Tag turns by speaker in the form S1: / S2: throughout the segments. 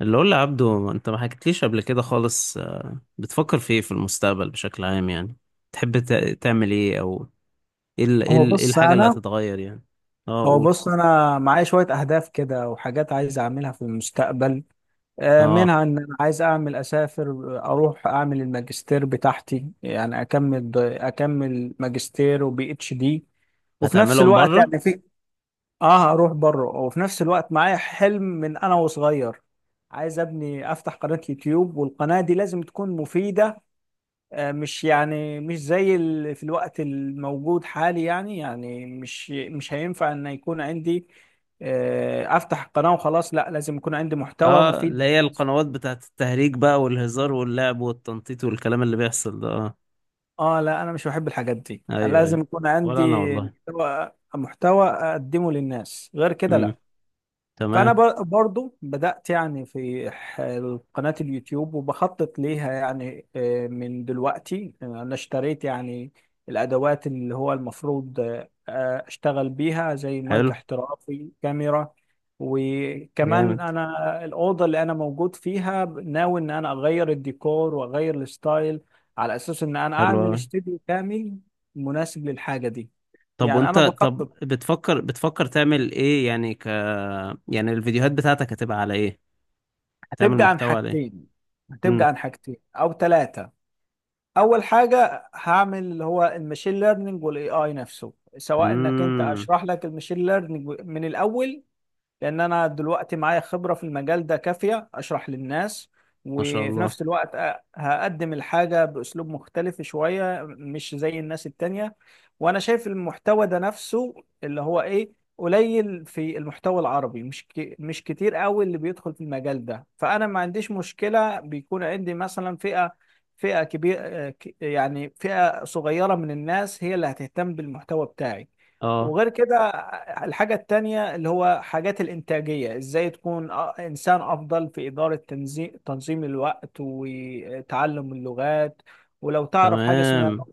S1: اللي قول لي عبدو، انت ما حكيتليش قبل كده خالص. بتفكر في ايه في المستقبل بشكل عام يعني؟ تحب تعمل ايه؟ او
S2: هو
S1: ايه
S2: بص
S1: الحاجة اللي
S2: انا
S1: هتتغير يعني؟ اه،
S2: هو
S1: قول.
S2: بص انا معايا شويه اهداف كده وحاجات عايز اعملها في المستقبل.
S1: اه،
S2: منها ان انا عايز اعمل، اسافر اروح اعمل الماجستير بتاعتي، يعني اكمل ماجستير وبي اتش دي. وفي نفس
S1: هتعملهم
S2: الوقت
S1: بره؟
S2: يعني في اه اروح بره. وفي نفس الوقت معايا حلم من انا وصغير، عايز ابني افتح قناه يوتيوب، والقناه دي لازم تكون مفيده. مش زي في الوقت الموجود حالي، يعني مش هينفع ان يكون عندي افتح قناة وخلاص، لا، لازم يكون عندي محتوى
S1: اه،
S2: مفيد.
S1: اللي هي القنوات بتاعت التهريج بقى والهزار واللعب والتنطيط والكلام اللي بيحصل ده. اه.
S2: اه، لا، انا مش بحب الحاجات دي،
S1: ايوه،
S2: لازم
S1: ايوه.
S2: يكون عندي
S1: ولا انا والله.
S2: محتوى اقدمه للناس، غير كده
S1: امم.
S2: لا. فانا
S1: تمام.
S2: برضو بدات، يعني قناه اليوتيوب وبخطط ليها، يعني من دلوقتي. انا اشتريت يعني الادوات اللي هو المفروض اشتغل بيها، زي مايك
S1: حلو.
S2: احترافي، كاميرا. وكمان
S1: جامد.
S2: انا الاوضه اللي انا موجود فيها ناوي ان انا اغير الديكور واغير الستايل، على اساس ان انا
S1: حلو
S2: اعمل
S1: قوي.
S2: استوديو كامل مناسب للحاجه دي.
S1: طب
S2: يعني
S1: وانت
S2: انا بخطط.
S1: طب بتفكر تعمل ايه يعني يعني الفيديوهات بتاعتك هتبقى على ايه؟ تعمل
S2: هتبقى عن
S1: محتوى عليه؟
S2: حاجتين هتبقى
S1: امم،
S2: عن حاجتين او ثلاثه. اول حاجه هعمل اللي هو المشين ليرنينج والاي اي نفسه، سواء انك انت
S1: امم.
S2: اشرح لك المشين ليرنينج من الاول، لان انا دلوقتي معايا خبرة في المجال ده كافية اشرح للناس.
S1: ما شاء
S2: وفي
S1: الله.
S2: نفس الوقت هقدم الحاجة باسلوب مختلف شوية، مش زي الناس التانية. وانا شايف المحتوى ده نفسه اللي هو ايه، قليل في المحتوى العربي، مش كتير قوي اللي بيدخل في المجال ده. فانا ما عنديش مشكلة بيكون عندي مثلا فئة كبيرة، يعني فئة صغيرة من الناس هي اللي هتهتم بالمحتوى بتاعي.
S1: اه،
S2: وغير كده، الحاجة التانية اللي هو حاجات الإنتاجية، إزاي تكون إنسان أفضل في إدارة تنظيم الوقت وتعلم اللغات. ولو تعرف حاجة اسمها،
S1: تمام،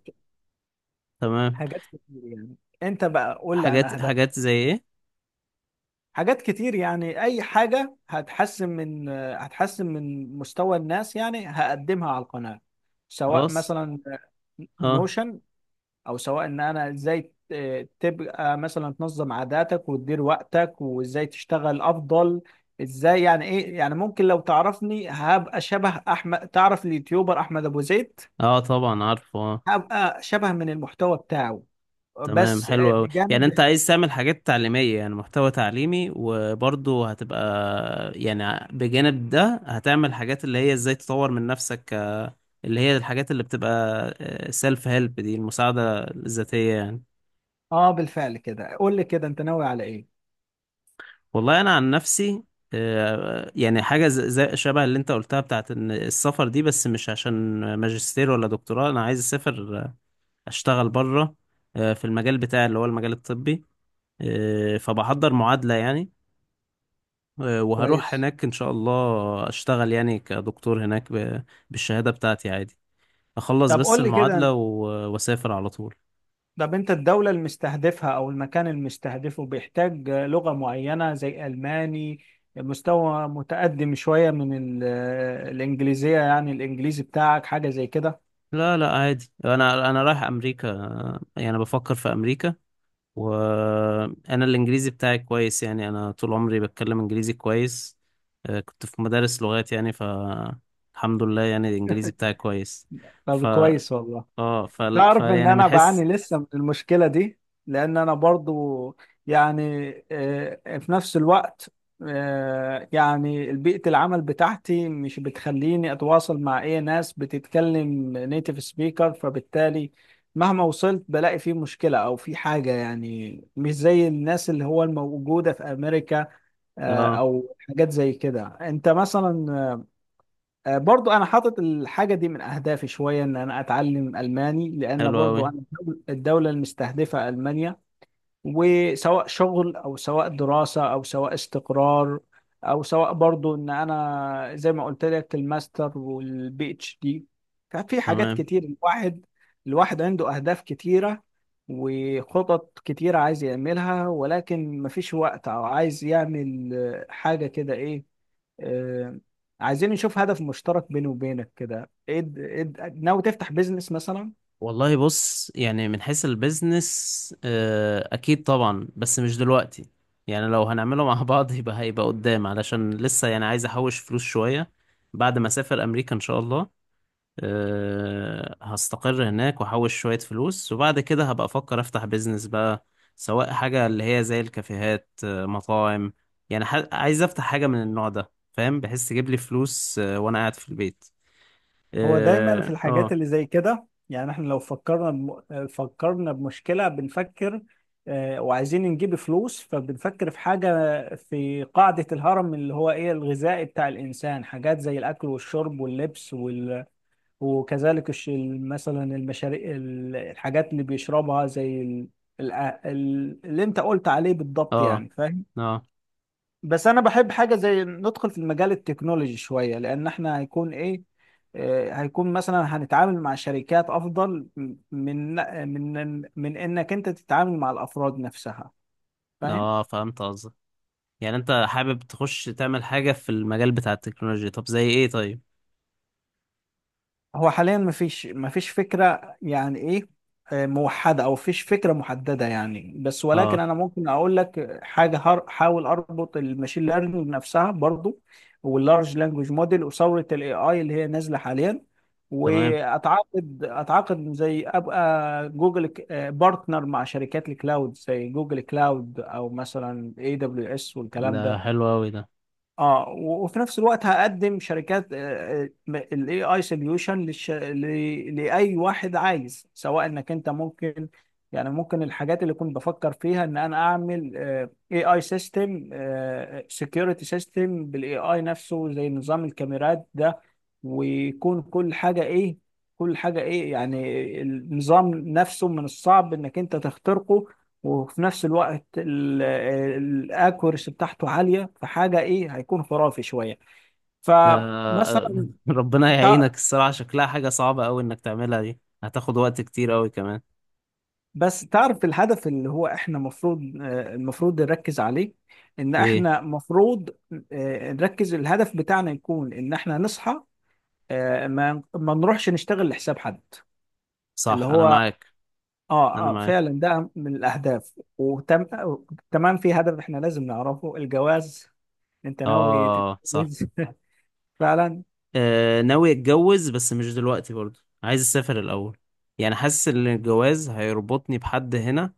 S1: تمام.
S2: حاجات كتير يعني. أنت بقى قول لي عن
S1: حاجات
S2: أهداف.
S1: حاجات زي ايه؟
S2: حاجات كتير يعني، أي حاجة هتحسن من مستوى الناس يعني هقدمها على القناة. سواء
S1: خلاص.
S2: مثلا
S1: اه.
S2: نوشن، او سواء ان انا ازاي تبقى مثلا تنظم عاداتك وتدير وقتك وازاي تشتغل افضل. ازاي يعني ايه، يعني ممكن لو تعرفني هبقى شبه احمد، تعرف اليوتيوبر احمد ابو زيد؟
S1: اه، طبعا عارفه. اه.
S2: هبقى شبه من المحتوى بتاعه،
S1: تمام،
S2: بس
S1: حلو قوي. يعني
S2: بجانب.
S1: انت عايز تعمل حاجات تعليمية، يعني محتوى تعليمي، وبرضه هتبقى، يعني بجانب ده هتعمل حاجات اللي هي ازاي تطور من نفسك، اللي هي الحاجات اللي بتبقى سيلف هيلب، دي المساعدة الذاتية يعني.
S2: اه، بالفعل كده قول لي كده انت ناوي على ايه.
S1: والله انا عن نفسي، يعني حاجه زي شبه اللي انت قلتها بتاعت ان السفر دي، بس مش عشان ماجستير ولا دكتوراه. انا عايز اسافر، اشتغل بره، في المجال بتاعي اللي هو المجال الطبي. فبحضر معادله يعني، وهروح
S2: كويس.
S1: هناك ان شاء الله. اشتغل يعني كدكتور هناك بالشهاده بتاعتي عادي. اخلص
S2: طب
S1: بس
S2: قول لي
S1: المعادله
S2: كده،
S1: واسافر على طول.
S2: طب انت الدولة المستهدفها او المكان المستهدفه بيحتاج لغة معينة زي الماني، مستوى متقدم شوية من ال- الانجليزية، يعني الانجليزي بتاعك حاجة زي كده؟
S1: لا، لا، عادي. انا رايح امريكا، يعني بفكر في امريكا. وانا الانجليزي بتاعي كويس، يعني انا طول عمري بتكلم انجليزي كويس. كنت في مدارس لغات يعني. الحمد لله، يعني الانجليزي بتاعي كويس.
S2: طب
S1: ف
S2: كويس والله.
S1: اه ف... ف
S2: تعرف ان
S1: يعني من
S2: انا
S1: حيث.
S2: بعاني لسه من المشكله دي، لان انا برضو يعني في نفس الوقت يعني بيئه العمل بتاعتي مش بتخليني اتواصل مع اي ناس بتتكلم نيتيف سبيكر، فبالتالي مهما وصلت بلاقي في مشكله او في حاجه، يعني مش زي الناس اللي هو الموجوده في امريكا
S1: اه،
S2: او حاجات زي كده انت مثلا. برضو انا حاطط الحاجه دي من اهدافي شويه، ان انا اتعلم الماني، لان
S1: حلو قوي،
S2: برضو انا الدوله المستهدفه المانيا. وسواء شغل او سواء دراسه او سواء استقرار، او سواء برضو ان انا زي ما قلت لك الماستر والبي اتش دي. ففي حاجات
S1: تمام.
S2: كتير، الواحد عنده اهداف كتيره وخطط كتيره عايز يعملها، ولكن مفيش وقت، او عايز يعمل حاجه كده ايه. آه، عايزين نشوف هدف مشترك بيني وبينك، كده ناوي تفتح بيزنس مثلا؟
S1: والله بص، يعني من حيث البيزنس، اكيد طبعا بس مش دلوقتي. يعني لو هنعمله مع بعض يبقى هيبقى قدام، علشان لسه يعني عايز احوش فلوس شوية بعد ما اسافر امريكا ان شاء الله. هستقر هناك واحوش شوية فلوس، وبعد كده هبقى افكر افتح بيزنس بقى، سواء حاجة اللي هي زي الكافيهات، مطاعم. يعني عايز افتح حاجة من النوع ده. فاهم؟ بحس تجيب لي فلوس وانا قاعد في البيت.
S2: هو دايما في
S1: اه،
S2: الحاجات
S1: اه،
S2: اللي زي كده، يعني احنا لو فكرنا بمشكلة بنفكر وعايزين نجيب فلوس، فبنفكر في حاجة في قاعدة الهرم اللي هو ايه، الغذائي بتاع الإنسان، حاجات زي الأكل والشرب واللبس وكذلك الش... مثلا المشاريع الحاجات اللي بيشربها زي ال... اللي انت قلت عليه بالضبط،
S1: اه،
S2: يعني فاهم.
S1: اه.
S2: بس انا بحب حاجه زي ندخل في المجال التكنولوجي شويه، لان احنا هيكون ايه، هيكون مثلا هنتعامل مع شركات افضل من انك انت تتعامل مع الافراد نفسها، فاهم.
S1: فهمت قصدك. يعني انت حابب تخش تعمل حاجة في المجال بتاع التكنولوجيا؟ طب زي ايه؟ طيب.
S2: هو حاليا مفيش، فكرة يعني ايه موحدة او فيش فكرة محددة يعني، بس ولكن
S1: اه،
S2: انا ممكن اقول لك حاجة، حاول اربط الماشين ليرنينج نفسها برضو واللارج لانجوج موديل وثورة الاي اي اللي هي نازلة حاليا،
S1: تمام.
S2: واتعاقد زي ابقى جوجل بارتنر مع شركات الكلاود زي جوجل كلاود، او مثلا اي دبليو اس
S1: ده
S2: والكلام ده.
S1: حلو اوي ده.
S2: اه، وفي نفس الوقت هقدم شركات الاي اي سوليوشن لاي واحد عايز، سواء انك انت ممكن، يعني ممكن الحاجات اللي كنت بفكر فيها ان انا اعمل اي اي سيستم، سكيورتي سيستم بالاي اي نفسه، زي نظام الكاميرات ده. ويكون كل حاجه ايه، يعني النظام نفسه من الصعب انك انت تخترقه، وفي نفس الوقت الاكوريسي بتاعته عاليه، فحاجه ايه، هيكون خرافي شويه.
S1: ده.
S2: فمثلا
S1: ربنا
S2: تع-
S1: يعينك، الصراحة شكلها حاجة صعبة أوي إنك تعملها دي، هتاخد وقت كتير أوي كمان.
S2: بس تعرف الهدف اللي هو احنا المفروض، نركز عليه، ان
S1: إيه؟
S2: احنا المفروض نركز الهدف بتاعنا يكون ان احنا نصحى، ما نروحش نشتغل لحساب حد اللي
S1: صح، أنا
S2: هو،
S1: معاك. أنا
S2: اه، اه،
S1: معاك.
S2: فعلا ده من الاهداف. وتم، تمام. في هدف احنا لازم نعرفه، الجواز. انت ناوي
S1: آه، صح.
S2: تتجوز؟ فعلا.
S1: آه، ناوي أتجوز بس مش دلوقتي برضه، عايز أسافر الأول. يعني حاسس إن الجواز هيربطني بحد هنا،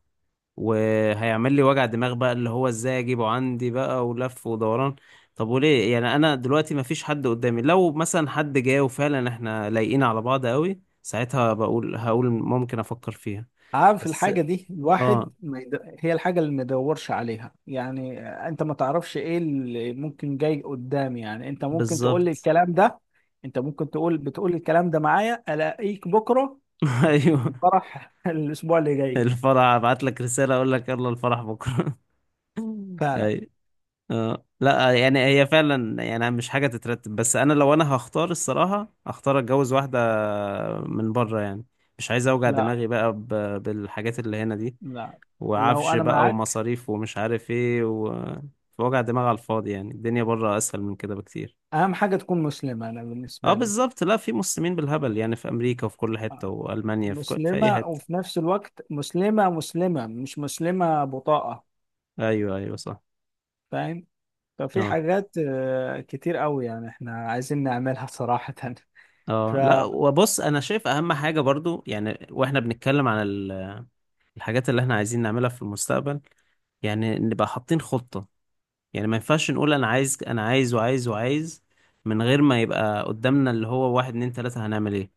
S1: وهيعمل لي وجع دماغ بقى، اللي هو إزاي أجيبه عندي بقى ولف ودوران. طب وليه يعني؟ أنا دلوقتي مفيش حد قدامي. لو مثلا حد جاي وفعلا إحنا لايقين على بعض أوي، ساعتها هقول ممكن أفكر فيها
S2: عارف
S1: بس.
S2: الحاجة دي،
S1: اه،
S2: الواحد ما يد... هي الحاجة اللي ما يدورش عليها يعني. انت ما تعرفش ايه اللي ممكن جاي قدام، يعني انت ممكن تقول لي
S1: بالظبط.
S2: الكلام ده، انت ممكن بتقول الكلام ده معايا، الاقيك بكرة في
S1: ايوه.
S2: فرح الاسبوع اللي جاي.
S1: الفرح ابعت لك رسالة اقول لك، يلا الفرح بكرة.
S2: فعلا.
S1: اي. اه لا، يعني هي فعلا يعني مش حاجة تترتب. بس انا لو انا هختار، الصراحة هختار اتجوز واحدة من بره يعني. مش عايز اوجع
S2: لا،
S1: دماغي بقى بالحاجات اللي هنا دي،
S2: لا، لو
S1: وعفش
S2: انا
S1: بقى
S2: معاك،
S1: ومصاريف ومش عارف ايه وجع دماغ على الفاضي. يعني الدنيا بره اسهل من كده بكتير.
S2: اهم حاجة تكون مسلمة انا
S1: اه،
S2: بالنسبة لي.
S1: بالظبط. لا، في مسلمين بالهبل يعني في امريكا وفي كل حتة
S2: آه،
S1: والمانيا، في اي
S2: مسلمة،
S1: حتة.
S2: وفي نفس الوقت مسلمة، مسلمة مش مسلمة بطاقة،
S1: ايوه، ايوه، صح.
S2: فاهم. طب في
S1: اه،
S2: حاجات كتير قوي يعني احنا عايزين نعملها صراحة. ف
S1: اه، لا. وبص، انا شايف اهم حاجه برضو يعني، واحنا بنتكلم عن الحاجات اللي احنا عايزين نعملها في المستقبل، يعني نبقى حاطين خطه. يعني ما ينفعش نقول انا عايز، انا عايز وعايز وعايز، من غير ما يبقى قدامنا اللي هو واحد، اتنين، تلاته هنعمل ايه.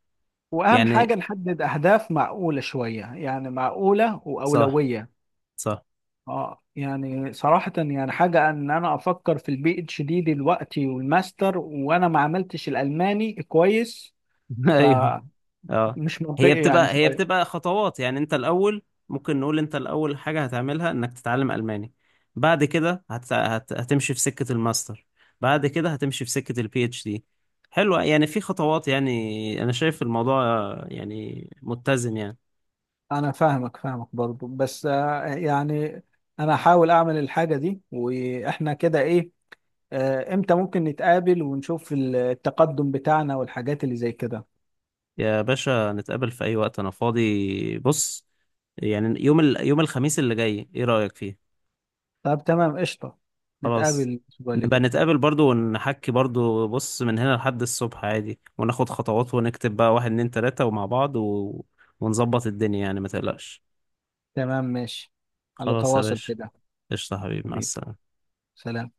S2: واهم حاجة
S1: يعني
S2: نحدد اهداف معقولة شوية، يعني معقولة
S1: صح،
S2: واولوية.
S1: صح.
S2: اه، يعني صراحة يعني حاجة ان انا افكر في البي اتش دي دلوقتي والماستر وانا ما عملتش الالماني كويس،
S1: ايوه.
S2: فمش
S1: اه، هي
S2: منطقي يعني
S1: بتبقى هي
S2: شوية.
S1: بتبقى خطوات، يعني انت الاول. ممكن نقول انت الاول حاجه هتعملها انك تتعلم الماني. بعد كده هتمشي في سكه الماستر. بعد كده هتمشي في سكه PhD. حلوه، يعني في خطوات، يعني انا شايف الموضوع يعني متزن يعني.
S2: انا فاهمك، فاهمك برضو، بس يعني انا هحاول اعمل الحاجة دي، واحنا كده ايه، امتى ممكن نتقابل ونشوف التقدم بتاعنا والحاجات اللي زي كده.
S1: يا باشا، نتقابل في اي وقت، انا فاضي. بص، يعني يوم يوم الخميس اللي جاي، ايه رايك فيه؟
S2: طب تمام، قشطة. نتقابل
S1: خلاص.
S2: الأسبوع اللي
S1: نبقى
S2: جاي.
S1: نتقابل برضو ونحكي برضو. بص، من هنا لحد الصبح عادي، وناخد خطوات ونكتب بقى واحد، اتنين، تلاتة، ومع بعض ونظبط الدنيا، يعني ما تقلقش.
S2: تمام، ماشي. على
S1: خلاص يا
S2: تواصل
S1: باشا.
S2: كده.
S1: قشطة حبيبي، مع
S2: حبيبي،
S1: السلامة.
S2: سلام.